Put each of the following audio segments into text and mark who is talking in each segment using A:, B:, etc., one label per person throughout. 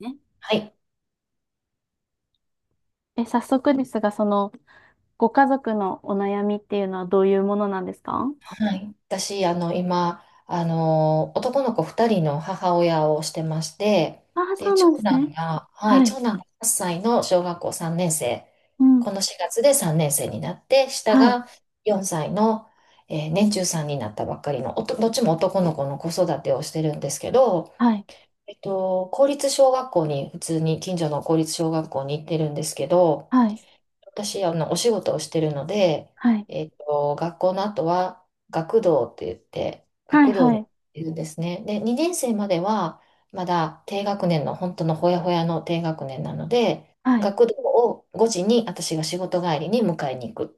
A: ね。
B: はい。
A: 早速ですが、ご家族のお悩みっていうのはどういうものなんですか？
B: はい。私、今、男の子2人の母親をしてまして、
A: ああ、そ
B: で、
A: うな
B: 長
A: んです
B: 男
A: ね。
B: が、はい、
A: は
B: 長
A: い。
B: 男が8歳の小学校3年生、
A: うん。
B: この4月で3年生になって、下
A: はい。
B: が4歳の、年中さんになったばっかりの、どっちも男の子の子育てをしてるんですけど、
A: はい。
B: 公立小学校に、普通に近所の公立小学校に行ってるんですけど、
A: はい。
B: 私、お仕事をしてるので、
A: はい。
B: 学校の後は学童って言って、
A: はい。
B: 学童
A: は
B: に
A: い。
B: いるんですね。で、2年生までは、まだ低学年の、本当のほやほやの低学年なので、
A: はい。
B: 学童を5時に私が仕事帰りに迎えに行くっ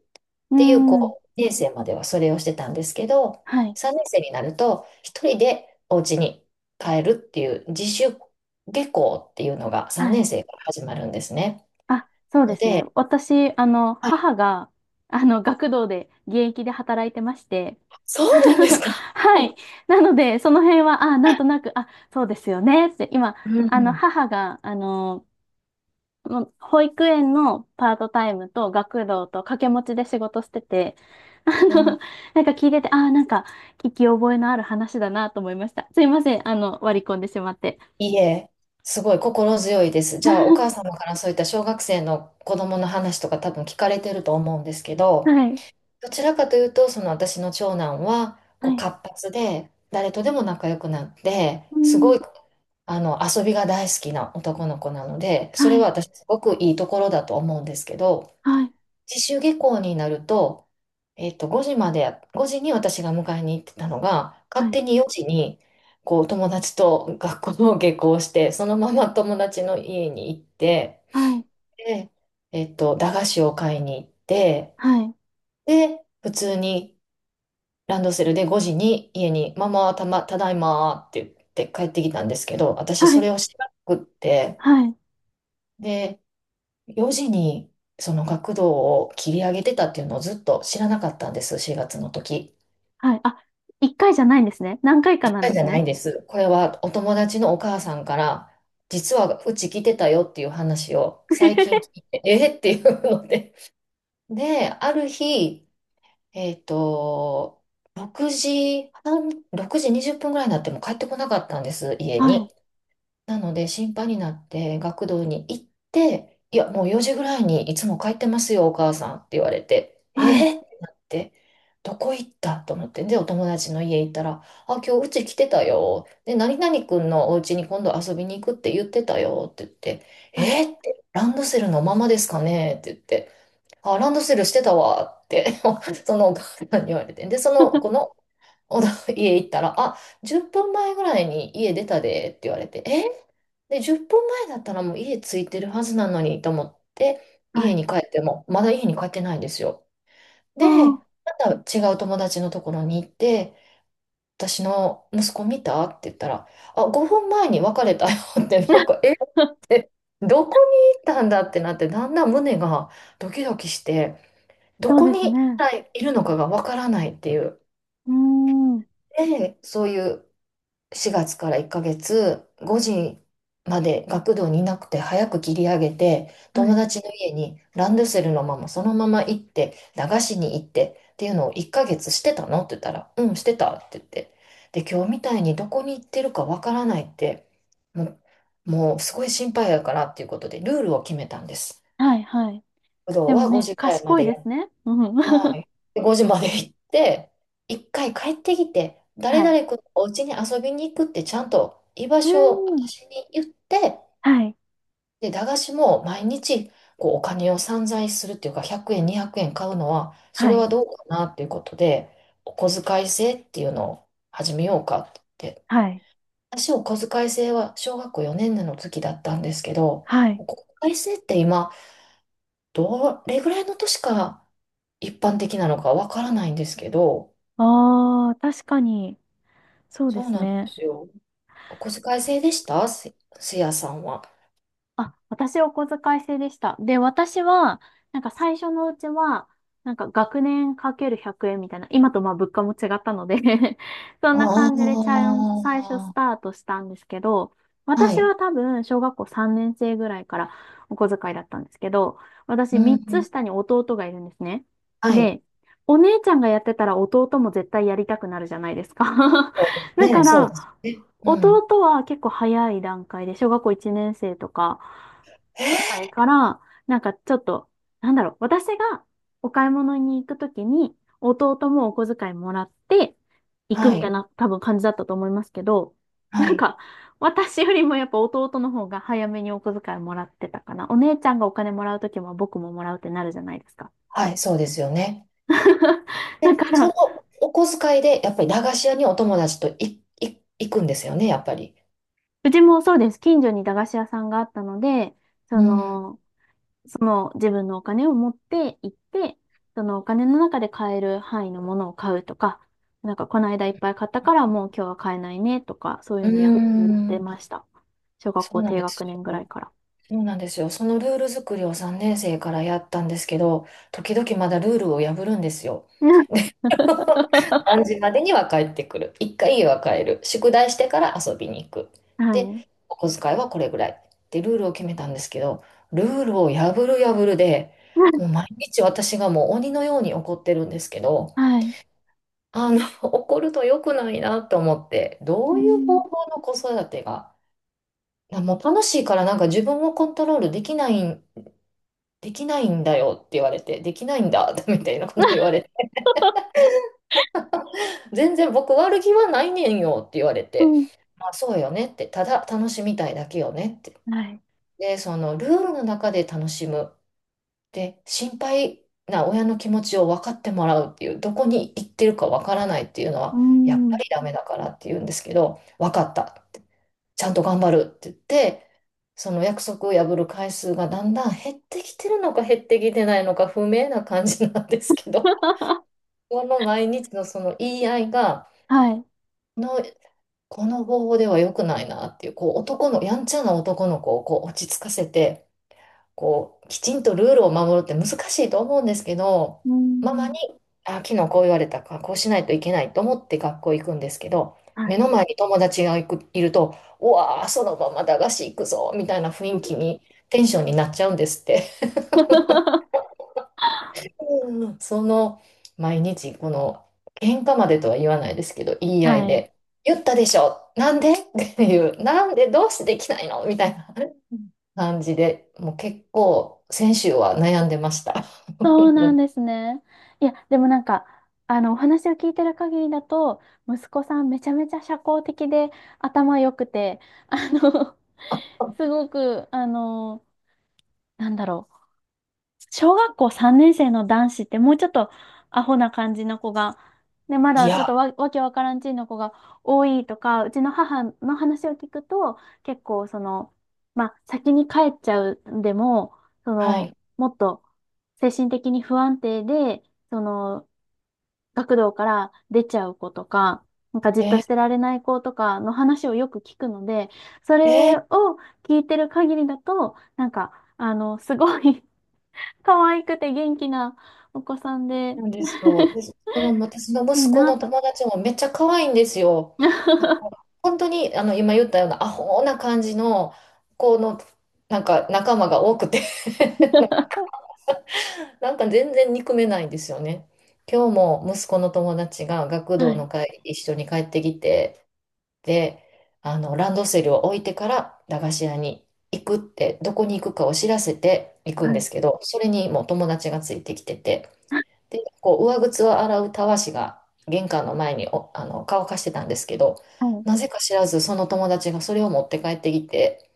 A: うー
B: ていう、
A: ん。
B: こう、2年生まではそれをしてたんですけど、
A: はい。
B: 3年生になると、一人でお家に帰るっていう、自主下校っていうのが3
A: は
B: 年
A: い。
B: 生から始まるんですね。
A: あ、そうで
B: の
A: すね。
B: で、
A: 私、母が、学童で、現役で働いてまして、
B: そ うなんですか。
A: はい。なので、その辺は、あ、なんとなく、あ、そうですよね。って、今、
B: うん。
A: 母が、もう保育園のパートタイムと学童と掛け持ちで仕事してて、あ
B: うん。
A: の、なんか聞いてて、ああ、なんか聞き覚えのある話だなと思いました。すいません、割り込んでしまって。
B: いえ、すごい心強いです。じゃあ、お母様 からそういった小学生の子供の話とか多分聞かれてると思うんですけど、
A: はい、
B: どちらかというと、その私の長男は
A: は
B: こう
A: い、
B: 活発で、誰とでも仲良くなって、
A: う
B: すご
A: ん、
B: い遊びが大好きな男の子なので、それ
A: は
B: は
A: い、
B: 私すごくいいところだと思うんですけど、
A: はい、
B: 自主下校になると、5時まで、5時に私が迎えに行ってたのが、
A: は
B: 勝
A: い、
B: 手に4時に、こう、友達と学校の下校して、そのまま 友達の家に行って、
A: はい、
B: で、駄菓子を買いに行って、
A: はい、
B: で、普通にランドセルで5時に家に、ママ、ただいまって言って帰ってきたんですけど、私
A: は
B: そ
A: い、
B: れを知らなくって、
A: はい、
B: で、4時にその学童を切り上げてたっていうのをずっと知らなかったんです、4月の時。
A: はい、あ、一回じゃないんですね。何回か
B: 一
A: なん
B: 回
A: で
B: じ
A: す
B: ゃないん
A: ね。
B: です。これはお友達のお母さんから、実はうち来てたよっていう話を最近聞い て、えーっていうので。で、ある日、えっと、6時半、6時20分ぐらいになっても帰ってこなかったんです、家
A: はい、
B: に。なので心配になって学童に行って、いや、もう4時ぐらいにいつも帰ってますよ、お母さんって言われて、
A: はい、
B: えー、ってなって、どこ行ったと思って、で、お友達の家行ったら、あ、今日うち来てたよ。で、何々くんのお家に今度遊びに行くって言ってたよって言って、
A: はい、
B: えー、って、ランドセルのままですかねって言って、あ、ランドセルしてたわって そのお母さんに言われて、で、その子 の おだ家行ったら、あ、10分前ぐらいに家出たでって言われて、で、10分前だったらもう家着いてるはずなのにと思って、
A: は
B: 家
A: い、
B: に帰っても、まだ家に帰ってないんですよ。
A: あ
B: で、
A: ー
B: また違う友達のところに行って、私の息子見たって言ったら、あ、5分前に別れたよって、なんか、えっ て、どこに行ったんだってなって、だんだん胸がドキドキして、ど
A: そう
B: こ
A: です
B: に一
A: ね。
B: 体いるのかがわからないっていう。
A: うーん、
B: で、そういう4月から1ヶ月、5時まで学童にいなくて早く切り上げて、
A: は
B: 友
A: い、
B: 達の家にランドセルのままそのまま行って、駄菓子に行ってっていうのを1ヶ月してたのって言ったら、うん、してたって言って。で、今日みたいにどこに行ってるかわからないって、ももうすごい心配やからっていうことで、ルールを決めたんです。
A: はい、はい。
B: 学童
A: でも
B: は5
A: ね、
B: 時くらいま
A: 賢い
B: で
A: で
B: や
A: すね。うん。
B: はい。で5時まで行って、一回帰ってきて、誰
A: はい。
B: 々君のお家に遊びに行くってちゃんと居場
A: うー
B: 所を
A: ん。
B: 私に言って、
A: はい。
B: で、駄菓子も毎日こうお金を散財するっていうか、100円、200円買うのは、そ
A: は
B: れは
A: い。
B: どうかなっていうことで、お小遣い制っていうのを始めようかって言って。
A: はい。
B: 私、お小遣い制は小学校4年の時だったんですけど、
A: はい。
B: お小遣い制って今、どれぐらいの年から一般的なのかわからないんですけど、
A: ああ、確かに。そうで
B: そう
A: す
B: なんで
A: ね。
B: すよ。お小遣い制でしたすやさんは。
A: あ、私お小遣い制でした。で、私は、なんか最初のうちは、なんか学年かける100円みたいな、今とまあ物価も違ったので そん
B: あ
A: な感じでちゃん、最初ス
B: あ、
A: タートしたんですけど、
B: は
A: 私
B: い。
A: は多分小学校3年生ぐらいからお小遣いだったんですけど、私
B: うん。
A: 3つ
B: うん。
A: 下に弟がいるんですね。
B: はい。
A: で、お姉ちゃんがやってたら弟も絶対やりたくなるじゃないですか
B: そうで
A: だ
B: す
A: か
B: ね。そう
A: ら、
B: ですね。うん。
A: 弟は結構早い段階で、小学校1年生とかぐらいから、なんかちょっと、なんだろう、私がお買い物に行くときに、弟もお小遣いもらって行く
B: は
A: みたい
B: い。
A: な多分感じだったと思いますけど、
B: は
A: なん
B: い。
A: か私よりもやっぱ弟の方が早めにお小遣いもらってたかな。お姉ちゃんがお金もらうときも僕ももらうってなるじゃないですか。
B: はい。そうですよね。で、
A: だか
B: その
A: ら、
B: お小遣いで、やっぱり駄菓子屋にお友達と行くんですよね、やっぱり。
A: うちもそうです。近所に駄菓子屋さんがあったので、そ
B: うん。
A: の、その自分のお金を持って行って、そのお金の中で買える範囲のものを買うとか、なんかこの間いっぱい買ったからもう今日は買えないねとか、そういう
B: うー
A: のやってま
B: ん。
A: した。小学
B: そ
A: 校
B: うなん
A: 低
B: です
A: 学年ぐら
B: よ。
A: いから。
B: そうなんですよ。そのルール作りを3年生からやったんですけど、時々まだルールを破るんですよ。何 時までには帰ってくる。一回家は帰る。宿題してから遊びに行く。
A: は
B: で、
A: い。
B: お小遣いはこれぐらい。ってルールを決めたんですけど、ルールを破る破るで、もう毎日私がもう鬼のように怒ってるんですけど、
A: はい。
B: 怒ると良くないなと思って、
A: う
B: どういう方
A: ん。
B: 法の子育てが、なもう楽しいからなんか自分をコントロールできないん、だよって言われて、できないんだ みたいなこと言われて、全然僕悪気はないねんよって言われ
A: う
B: て、
A: ん。
B: あ、そうよねって、ただ楽しみたいだけよねって。
A: はい。
B: で、そのルールの中で楽しむ。で、心配な親の気持ちを分かってもらうっていう、どこに行ってるか分からないっていうの
A: う
B: は、やっぱ
A: ん。
B: りダメだからって言うんですけど、分かった。ちゃんと頑張るって言って、その約束を破る回数がだんだん減ってきてるのか減ってきてないのか不明な感じなんですけど、この毎日のその言い合いが、
A: はい。
B: この方法では良くないなっていう、こうやんちゃな男の子をこう落ち着かせて、こうきちんとルールを守るって難しいと思うんですけど、
A: う
B: ママ
A: ん。
B: に、あ、昨日こう言われたから、こうしないといけないと思って学校行くんですけど、
A: は
B: 目
A: い。
B: の前に友達がいると、うわー、そのまま駄菓子行くぞ、みたいな雰囲気に、テンションになっちゃうんですって。うん、その毎日この喧嘩までとは言わないですけど言い合
A: は
B: い
A: い。
B: で「言ったでしょなんで?」っていう「なんでどうしてできないの?」みたいな感じでもう結構先週は悩んでました。
A: そう
B: 本当
A: なん
B: に
A: ですね。いや、でもなんか、お話を聞いてる限りだと、息子さんめちゃめちゃ社交的で頭良くて、あの、すごく、なんだろう。小学校3年生の男子ってもうちょっとアホな感じの子が、ね、ま
B: い
A: だちょっと
B: や、
A: わけわからんちんの子が多いとか、うちの母の話を聞くと、結構まあ、先に帰っちゃうでも、
B: はい。
A: もっと精神的に不安定で、その、学童から出ちゃう子とか、なんかじっとして
B: え
A: られない子とかの話をよく聞くので、そ
B: ー、え
A: れ
B: ー
A: を聞いてる限りだと、なんか、すごい可愛くて元気なお子さんで、
B: なんですよ。で、その私の
A: いい
B: 息子
A: な
B: の
A: と。
B: 友達もめっちゃ可愛いんですよ。なんか 本当にあの今言ったようなアホな感じの子のなんか仲間が多くてなんか全然憎めないんですよね。今日も息子の友達が学
A: は
B: 童
A: い。
B: の会一緒に帰ってきて、で、ランドセルを置いてから駄菓子屋に行くって、どこに行くかを知らせて行くん
A: は
B: で
A: い。
B: すけど、それにもう友達がついてきてて、で、こう、上靴を洗うたわしが玄関の前にお、あの、乾かしてたんですけど、
A: はい。
B: なぜか知らずその友達がそれを持って帰ってきて、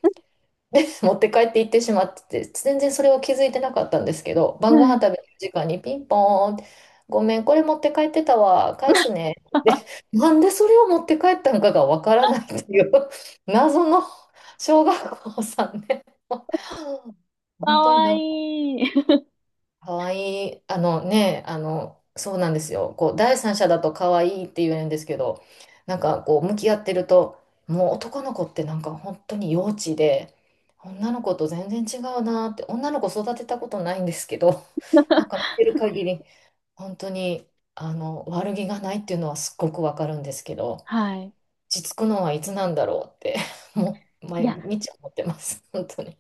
B: で、持って帰って行ってしまってて、全然それを気づいてなかったんですけど、晩
A: は
B: ご飯
A: い。
B: 食べる時間にピンポーンって、ごめん、これ持って帰ってたわ、返すね。で、なんでそれを持って帰ったのかがわからないっていう 謎の小学校さんね、
A: か
B: 本当に
A: わ
B: なんか
A: いい。
B: 可愛い、そうなんですよ。こう、第三者だと可愛いって言えるんですけど、なんかこう、向き合ってると、もう男の子ってなんか本当に幼稚で、女の子と全然違うなって、女の子育てたことないんですけど、なんか見てる限り、本当に、悪気がないっていうのはすっごくわかるんですけど、
A: はい。
B: 落ち着くのはいつなんだろうって、もう
A: い
B: 毎
A: や、
B: 日思ってます、本当に。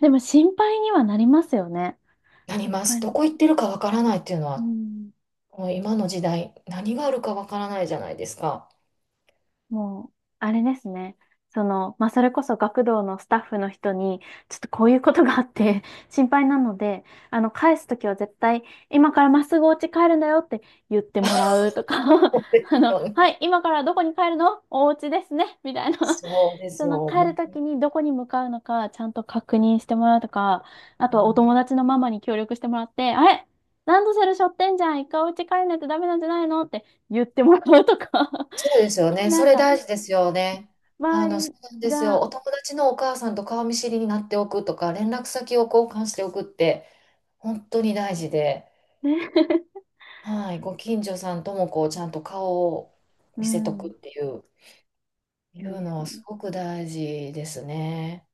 A: でも心配にはなりますよね。
B: なり
A: やっ
B: ま
A: ぱ
B: す。
A: り。
B: どこ行ってるかわからないっていうの
A: う
B: は
A: ん。
B: もう今の時代、何があるかわからないじゃないですか。
A: もう、あれですね。まあ、それこそ学童のスタッフの人に、ちょっとこういうことがあって 心配なので、返すときは絶対、今からまっすぐお家帰るんだよって言ってもらうとか
B: そうですよ
A: は
B: ね。
A: い、今からどこに帰るのお家ですね、みたいな
B: そうで すよ。
A: 帰
B: も
A: ると
B: う、
A: きにどこに向かうのか、ちゃんと確認してもらうとか、あとはお友達のママに協力してもらって、あれランドセル背負ってんじゃん、一回お家帰んないとダメなんじゃないのって言ってもらうとか
B: そうですよ ね。
A: な
B: そ
A: ん
B: れ
A: か、
B: 大事ですよね。
A: 周
B: そ
A: り
B: うなんですよ。
A: が、
B: お友達のお母さんと顔見知りになっておくとか、連絡先を交換しておくって、本当に大事で、
A: ね
B: はい、ご近所さんともこう、ちゃんと顔を
A: う
B: 見せとく
A: ん、
B: っ
A: い
B: ていう、
A: いで
B: の
A: す
B: はす
A: ね。
B: ごく大事ですね。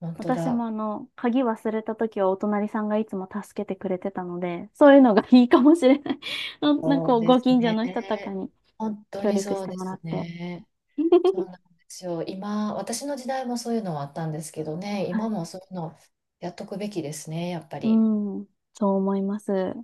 B: 本当
A: 私も
B: だ。
A: 鍵忘れた時はお隣さんがいつも助けてくれてたので、そういうのがいいかもしれない。ななん
B: そ
A: かこ
B: う
A: う
B: で
A: ご
B: す
A: 近所
B: ね。
A: の人とかに
B: 本当
A: 協
B: に
A: 力し
B: そう
A: て
B: で
A: もら
B: す
A: って。
B: ね。そうな んですよ。今、私の時代もそういうのはあったんですけどね、
A: は
B: 今
A: い。
B: もそういうのやっとくべきですね、やっぱ
A: う
B: り。
A: ん、そう思います。